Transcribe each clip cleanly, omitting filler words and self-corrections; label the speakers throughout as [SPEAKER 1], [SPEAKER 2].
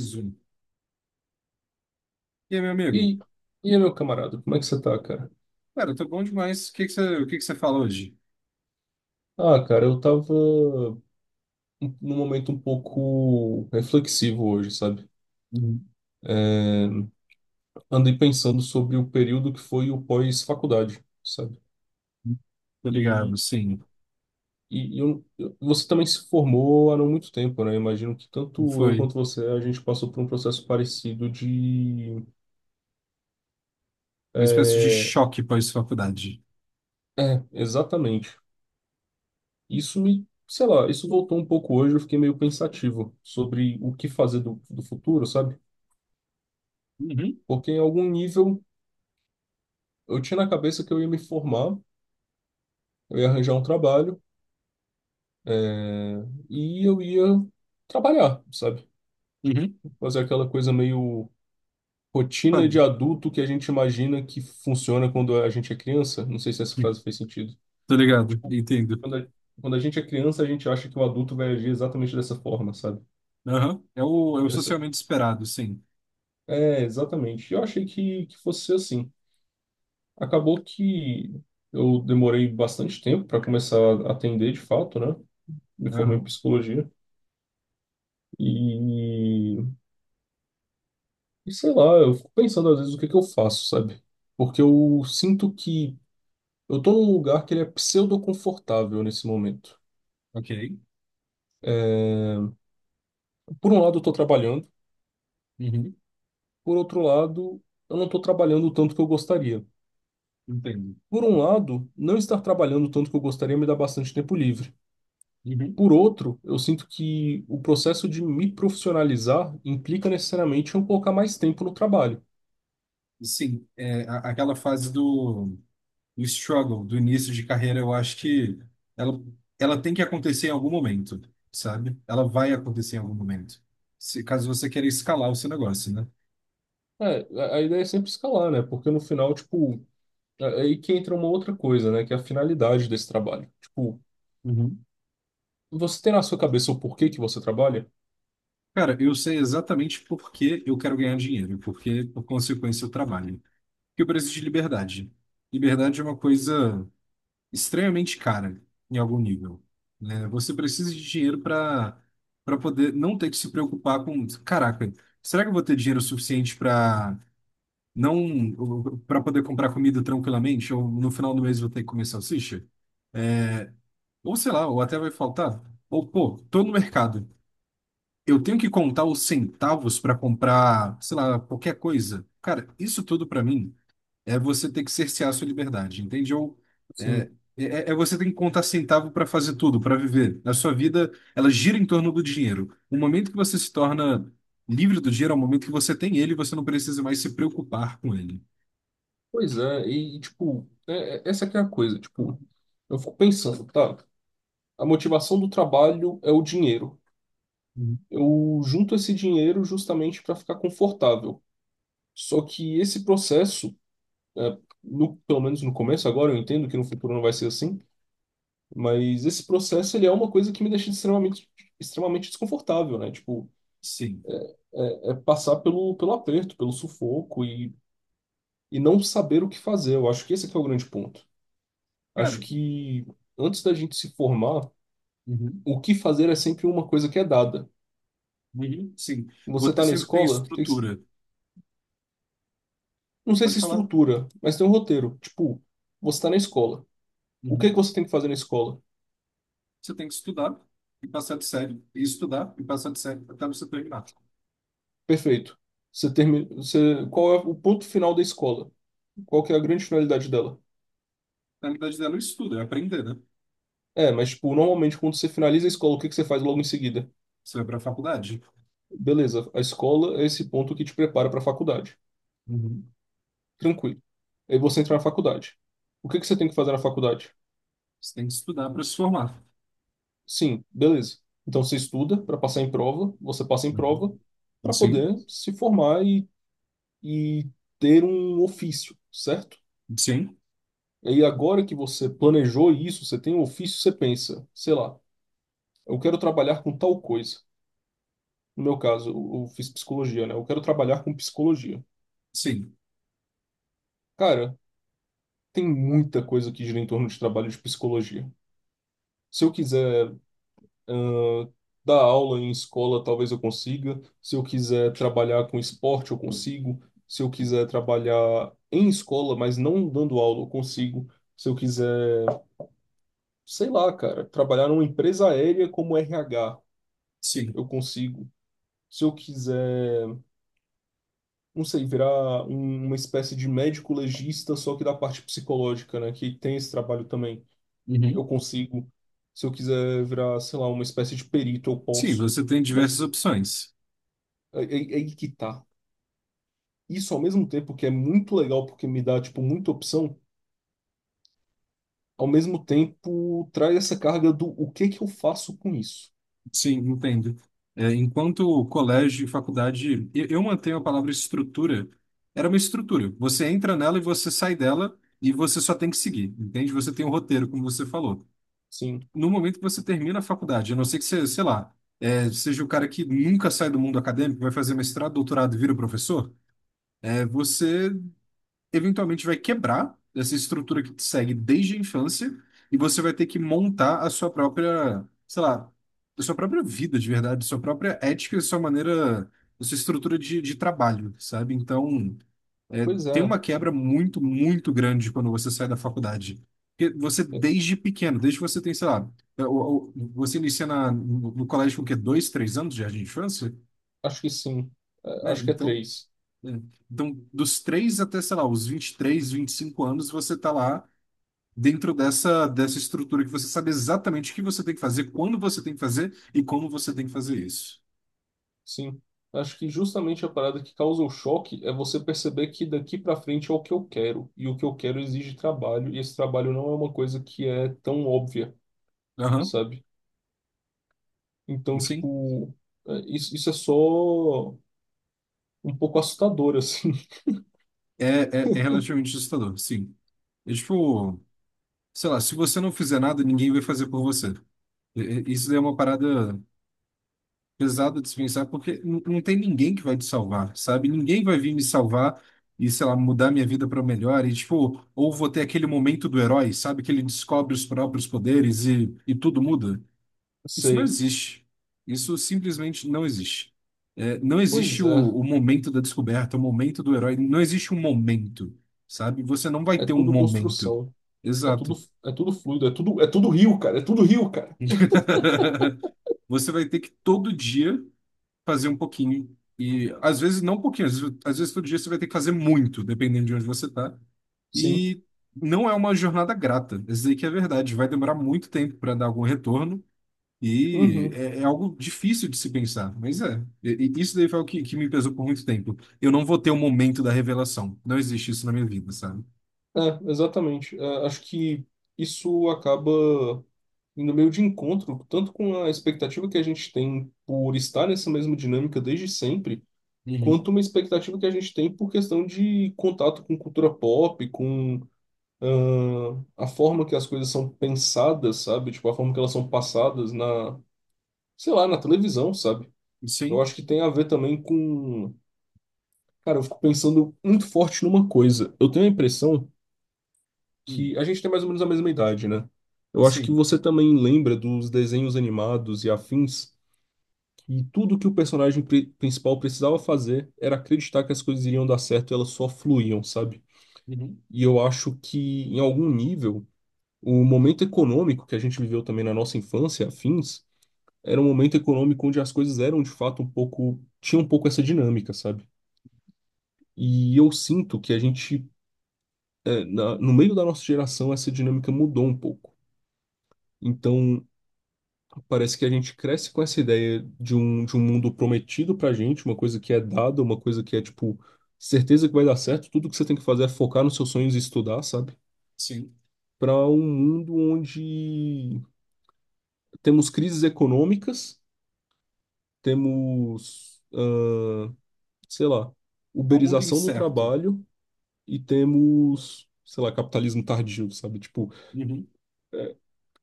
[SPEAKER 1] Zoom. E aí, meu amigo?
[SPEAKER 2] E, e aí, meu camarada, como é que você tá, cara?
[SPEAKER 1] Cara, eu tô bom demais. O que que você fala hoje?
[SPEAKER 2] Ah, cara, num momento um pouco reflexivo hoje, sabe?
[SPEAKER 1] Uhum.
[SPEAKER 2] É, Andei pensando sobre o período que foi o pós-faculdade, sabe?
[SPEAKER 1] Tô ligado,
[SPEAKER 2] E,
[SPEAKER 1] sim.
[SPEAKER 2] Você também se formou há não muito tempo, né? Imagino que tanto eu
[SPEAKER 1] Foi
[SPEAKER 2] quanto você, a gente passou por um processo parecido de...
[SPEAKER 1] uma espécie de
[SPEAKER 2] É,
[SPEAKER 1] choque pós-faculdade.
[SPEAKER 2] é, exatamente. Isso me... Sei lá, isso voltou um pouco hoje, eu fiquei meio pensativo sobre o que fazer do futuro, sabe?
[SPEAKER 1] Uhum.
[SPEAKER 2] Porque em algum nível eu tinha na cabeça que eu ia me formar, eu ia arranjar um trabalho, é, e eu ia trabalhar, sabe?
[SPEAKER 1] Uhum.
[SPEAKER 2] Fazer aquela coisa meio rotina de
[SPEAKER 1] Claro.
[SPEAKER 2] adulto que a gente imagina que funciona quando a gente é criança. Não sei se essa frase fez sentido.
[SPEAKER 1] Tô ligado,
[SPEAKER 2] Tipo,
[SPEAKER 1] entendo.
[SPEAKER 2] quando a, quando a gente é criança, a gente acha que o adulto vai agir exatamente dessa forma, sabe?
[SPEAKER 1] Aham. É o
[SPEAKER 2] Essa,
[SPEAKER 1] socialmente esperado, sim.
[SPEAKER 2] é, exatamente. Eu achei que fosse ser assim. Acabou que eu demorei bastante tempo para começar a atender de fato, né? Me formei em
[SPEAKER 1] Aham.
[SPEAKER 2] psicologia. E, e sei lá, eu fico pensando às vezes o que que eu faço, sabe? Porque eu sinto que eu tô num lugar que ele é pseudo-confortável nesse momento.
[SPEAKER 1] Ok.
[SPEAKER 2] Por um lado, eu tô trabalhando,
[SPEAKER 1] Uhum.
[SPEAKER 2] por outro lado, eu não tô trabalhando o tanto que eu gostaria.
[SPEAKER 1] Entendo.
[SPEAKER 2] Por um lado, não estar trabalhando o tanto que eu gostaria me dá bastante tempo livre.
[SPEAKER 1] Uhum.
[SPEAKER 2] Por outro, eu sinto que o processo de me profissionalizar implica necessariamente eu colocar mais tempo no trabalho.
[SPEAKER 1] Sim, é aquela fase do. O struggle do início de carreira, eu acho que ela, ela tem que acontecer em algum momento, sabe? Ela vai acontecer em algum momento. Se, caso você queira escalar o seu negócio, né?
[SPEAKER 2] É, a ideia é sempre escalar, né? Porque no final, tipo, é, aí que entra uma outra coisa, né? Que é a finalidade desse trabalho. Tipo,
[SPEAKER 1] Uhum.
[SPEAKER 2] você tem na sua cabeça o porquê que você trabalha?
[SPEAKER 1] Cara, eu sei exatamente por que eu quero ganhar dinheiro, porque, por consequência, eu trabalho. Que eu preciso de liberdade. Liberdade é uma coisa extremamente cara, em algum nível. Né? Você precisa de dinheiro para poder não ter que se preocupar com, caraca, será que eu vou ter dinheiro suficiente para não, para poder comprar comida tranquilamente, ou no final do mês vou ter que comer salsicha, ou sei lá, ou até vai faltar, ou pô, tô no mercado, eu tenho que contar os centavos para comprar, sei lá, qualquer coisa. Cara, isso tudo para mim é você ter que cercear a sua liberdade, entende? Ou é,
[SPEAKER 2] Sim.
[SPEAKER 1] é, é você ter que contar centavo para fazer tudo, para viver. A sua vida, ela gira em torno do dinheiro. O momento que você se torna livre do dinheiro é o momento que você tem ele e você não precisa mais se preocupar com ele.
[SPEAKER 2] Pois é, e tipo, essa que é a coisa. Tipo, eu fico pensando, tá? A motivação do trabalho é o dinheiro.
[SPEAKER 1] Uhum.
[SPEAKER 2] Eu junto esse dinheiro justamente para ficar confortável. Só que esse processo, é, no, pelo menos no começo, agora eu entendo que no futuro não vai ser assim, mas esse processo ele é uma coisa que me deixa extremamente desconfortável, né? Tipo,
[SPEAKER 1] Sim.
[SPEAKER 2] é passar pelo aperto, pelo sufoco e não saber o que fazer. Eu acho que esse aqui é o grande ponto. Acho
[SPEAKER 1] Cara.
[SPEAKER 2] que antes da gente se formar,
[SPEAKER 1] Uhum.
[SPEAKER 2] o que fazer é sempre uma coisa que é dada.
[SPEAKER 1] Uhum. Sim.
[SPEAKER 2] Você
[SPEAKER 1] Você
[SPEAKER 2] tá na
[SPEAKER 1] sempre tem
[SPEAKER 2] escola, tem que se-
[SPEAKER 1] estrutura.
[SPEAKER 2] não sei
[SPEAKER 1] Pode
[SPEAKER 2] se
[SPEAKER 1] falar.
[SPEAKER 2] estrutura, mas tem um roteiro. Tipo, você tá na escola. O que
[SPEAKER 1] Uhum.
[SPEAKER 2] que você tem que fazer na escola?
[SPEAKER 1] Você tem que estudar e passar de série, e estudar e passar de série até você terminar.
[SPEAKER 2] Perfeito. Você termina, você, qual é o ponto final da escola? Qual que é a grande finalidade dela?
[SPEAKER 1] Na realidade dela, é o estudo é aprender, né?
[SPEAKER 2] É, mas tipo, normalmente quando você finaliza a escola, o que que você faz logo em seguida?
[SPEAKER 1] Você vai para a faculdade.
[SPEAKER 2] Beleza, a escola é esse ponto que te prepara para a faculdade.
[SPEAKER 1] Uhum.
[SPEAKER 2] Tranquilo. Aí você entra na faculdade. O que que você tem que fazer na faculdade?
[SPEAKER 1] Você tem que estudar para se formar.
[SPEAKER 2] Sim, beleza. Então você estuda para passar em prova, você passa em prova
[SPEAKER 1] Uhum.
[SPEAKER 2] para
[SPEAKER 1] Sim,
[SPEAKER 2] poder se formar e ter um ofício, certo?
[SPEAKER 1] sim,
[SPEAKER 2] Aí agora que você planejou isso, você tem um ofício, você pensa, sei lá, eu quero trabalhar com tal coisa. No meu caso, eu fiz psicologia, né? Eu quero trabalhar com psicologia.
[SPEAKER 1] sim,
[SPEAKER 2] Cara, tem muita coisa que gira em torno de trabalho de psicologia. Se eu quiser, ãh, dar aula em escola, talvez eu consiga. Se eu quiser trabalhar com esporte, eu consigo. Se eu quiser trabalhar em escola, mas não dando aula, eu consigo. Se eu quiser, sei lá, cara, trabalhar numa empresa aérea como RH,
[SPEAKER 1] sim.
[SPEAKER 2] eu consigo. Se eu quiser, não sei, uma espécie de médico legista, só que da parte psicológica, né, que tem esse trabalho também, eu
[SPEAKER 1] Uhum.
[SPEAKER 2] consigo. Se eu quiser virar, sei lá, uma espécie de perito, eu
[SPEAKER 1] Sim,
[SPEAKER 2] posso.
[SPEAKER 1] você tem diversas
[SPEAKER 2] Mas
[SPEAKER 1] opções.
[SPEAKER 2] aí, aí que tá. Isso ao mesmo tempo que é muito legal porque me dá, tipo, muita opção, ao mesmo tempo traz essa carga do o que que eu faço com isso.
[SPEAKER 1] Sim, entendo. É, enquanto colégio e faculdade, eu mantenho a palavra estrutura. Era uma estrutura. Você entra nela e você sai dela e você só tem que seguir, entende? Você tem um roteiro, como você falou.
[SPEAKER 2] Sim,
[SPEAKER 1] No momento que você termina a faculdade, a não ser que você, sei lá, é, seja o cara que nunca sai do mundo acadêmico, vai fazer mestrado, doutorado e vira professor, eventualmente vai quebrar essa estrutura que te segue desde a infância e você vai ter que montar a sua própria, sei lá, a sua própria vida de verdade, sua própria ética, a sua maneira, a sua estrutura de trabalho, sabe? Então, é,
[SPEAKER 2] pois
[SPEAKER 1] tem
[SPEAKER 2] é.
[SPEAKER 1] uma quebra muito, muito grande quando você sai da faculdade. Porque você,
[SPEAKER 2] É,
[SPEAKER 1] desde pequeno, desde que você tem, sei lá, você inicia na, no, no colégio com o quê? 2, 3 anos de jardim de infância?
[SPEAKER 2] acho que sim. É,
[SPEAKER 1] Né?
[SPEAKER 2] acho que é
[SPEAKER 1] então,
[SPEAKER 2] três.
[SPEAKER 1] então, dos 3 até, sei lá, os 20, 23, 25 anos, você tá lá dentro dessa estrutura que você sabe exatamente o que você tem que fazer, quando você tem que fazer e como você tem que fazer isso.
[SPEAKER 2] Sim. Acho que justamente a parada que causa o choque é você perceber que daqui pra frente é o que eu quero. E o que eu quero exige trabalho, e esse trabalho não é uma coisa que é tão óbvia,
[SPEAKER 1] Aham,
[SPEAKER 2] sabe? Então,
[SPEAKER 1] sim.
[SPEAKER 2] tipo, é, isso é só um pouco assustador, assim.
[SPEAKER 1] É, é, é relativamente assustador, sim. É tipo, sei lá, se você não fizer nada, ninguém vai fazer por você. E- Isso daí é uma parada pesado dispensar, porque não tem ninguém que vai te salvar, sabe? Ninguém vai vir me salvar e, sei lá, mudar minha vida para melhor. E, tipo, ou vou ter aquele momento do herói, sabe? Que ele descobre os próprios poderes e tudo muda. Isso não
[SPEAKER 2] Sei.
[SPEAKER 1] existe. Isso simplesmente não existe. É, não existe
[SPEAKER 2] Pois
[SPEAKER 1] o,
[SPEAKER 2] é,
[SPEAKER 1] o momento da descoberta, o momento do herói. Não existe um momento, sabe? Você não vai
[SPEAKER 2] é
[SPEAKER 1] ter um
[SPEAKER 2] tudo
[SPEAKER 1] momento.
[SPEAKER 2] construção, é tudo,
[SPEAKER 1] Exato.
[SPEAKER 2] é tudo fluido, é tudo rio, cara, é tudo rio, cara.
[SPEAKER 1] Você vai ter que todo dia fazer um pouquinho. E às vezes não um pouquinho, às vezes todo dia você vai ter que fazer muito, dependendo de onde você está.
[SPEAKER 2] Sim,
[SPEAKER 1] E não é uma jornada grata. Isso aí que é verdade. Vai demorar muito tempo para dar algum retorno. E
[SPEAKER 2] uhum.
[SPEAKER 1] é, é algo difícil de se pensar. Mas é. E isso daí foi o que me pesou por muito tempo. Eu não vou ter o momento da revelação. Não existe isso na minha vida, sabe?
[SPEAKER 2] É, exatamente. É, acho que isso acaba indo meio de encontro, tanto com a expectativa que a gente tem por estar nessa mesma dinâmica desde sempre,
[SPEAKER 1] Uhum.
[SPEAKER 2] quanto uma expectativa que a gente tem por questão de contato com cultura pop, com a forma que as coisas são pensadas, sabe? Tipo, a forma que elas são passadas sei lá, na televisão, sabe? Eu
[SPEAKER 1] Sim.
[SPEAKER 2] acho que tem a ver também com. Cara, eu fico pensando muito forte numa coisa. Eu tenho a impressão
[SPEAKER 1] Hum.
[SPEAKER 2] que a gente tem mais ou menos a mesma idade, né? Eu acho que
[SPEAKER 1] Sim.
[SPEAKER 2] você também lembra dos desenhos animados e afins, e tudo que o personagem principal precisava fazer era acreditar que as coisas iriam dar certo e elas só fluíam, sabe?
[SPEAKER 1] Uhum.
[SPEAKER 2] E eu acho que, em algum nível, o momento econômico que a gente viveu também na nossa infância, afins, era um momento econômico onde as coisas eram de fato um pouco. Tinha um pouco essa dinâmica, sabe? E eu sinto que a gente, é, no meio da nossa geração, essa dinâmica mudou um pouco. Então, parece que a gente cresce com essa ideia de de um mundo prometido pra gente, uma coisa que é dada, uma coisa que é, tipo, certeza que vai dar certo, tudo que você tem que fazer é focar nos seus sonhos e estudar, sabe?
[SPEAKER 1] Sim.
[SPEAKER 2] Para um mundo onde temos crises econômicas, temos, ah, sei lá,
[SPEAKER 1] É um mundo
[SPEAKER 2] uberização do
[SPEAKER 1] incerto.
[SPEAKER 2] trabalho e temos, sei lá, capitalismo tardio, sabe? Tipo,
[SPEAKER 1] Uhum.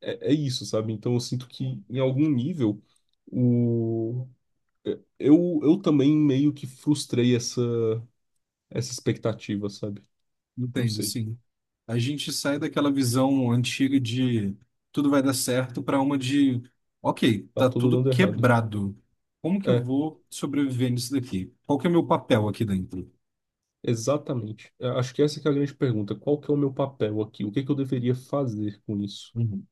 [SPEAKER 2] é, é isso, sabe? Então eu sinto que em algum nível o é, eu também meio que frustrei essa expectativa, sabe? Não
[SPEAKER 1] Entendo,
[SPEAKER 2] sei,
[SPEAKER 1] sim. A gente sai daquela visão antiga de tudo vai dar certo para uma de, ok,
[SPEAKER 2] tá
[SPEAKER 1] tá
[SPEAKER 2] tudo
[SPEAKER 1] tudo
[SPEAKER 2] dando errado.
[SPEAKER 1] quebrado. Como que eu
[SPEAKER 2] É,
[SPEAKER 1] vou sobreviver nisso daqui? Qual que é o meu papel aqui dentro?
[SPEAKER 2] exatamente. É, acho que essa que é a grande pergunta. Qual que é o meu papel aqui? O que que eu deveria fazer com isso,
[SPEAKER 1] Uhum.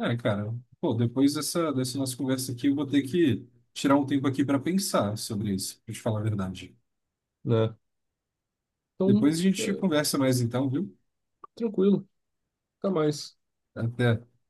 [SPEAKER 1] É, cara, pô, depois dessa nossa conversa aqui, eu vou ter que tirar um tempo aqui para pensar sobre isso, pra te falar a verdade.
[SPEAKER 2] né? Então,
[SPEAKER 1] Depois a
[SPEAKER 2] é,
[SPEAKER 1] gente conversa mais então, viu?
[SPEAKER 2] tranquilo, até mais.
[SPEAKER 1] Até.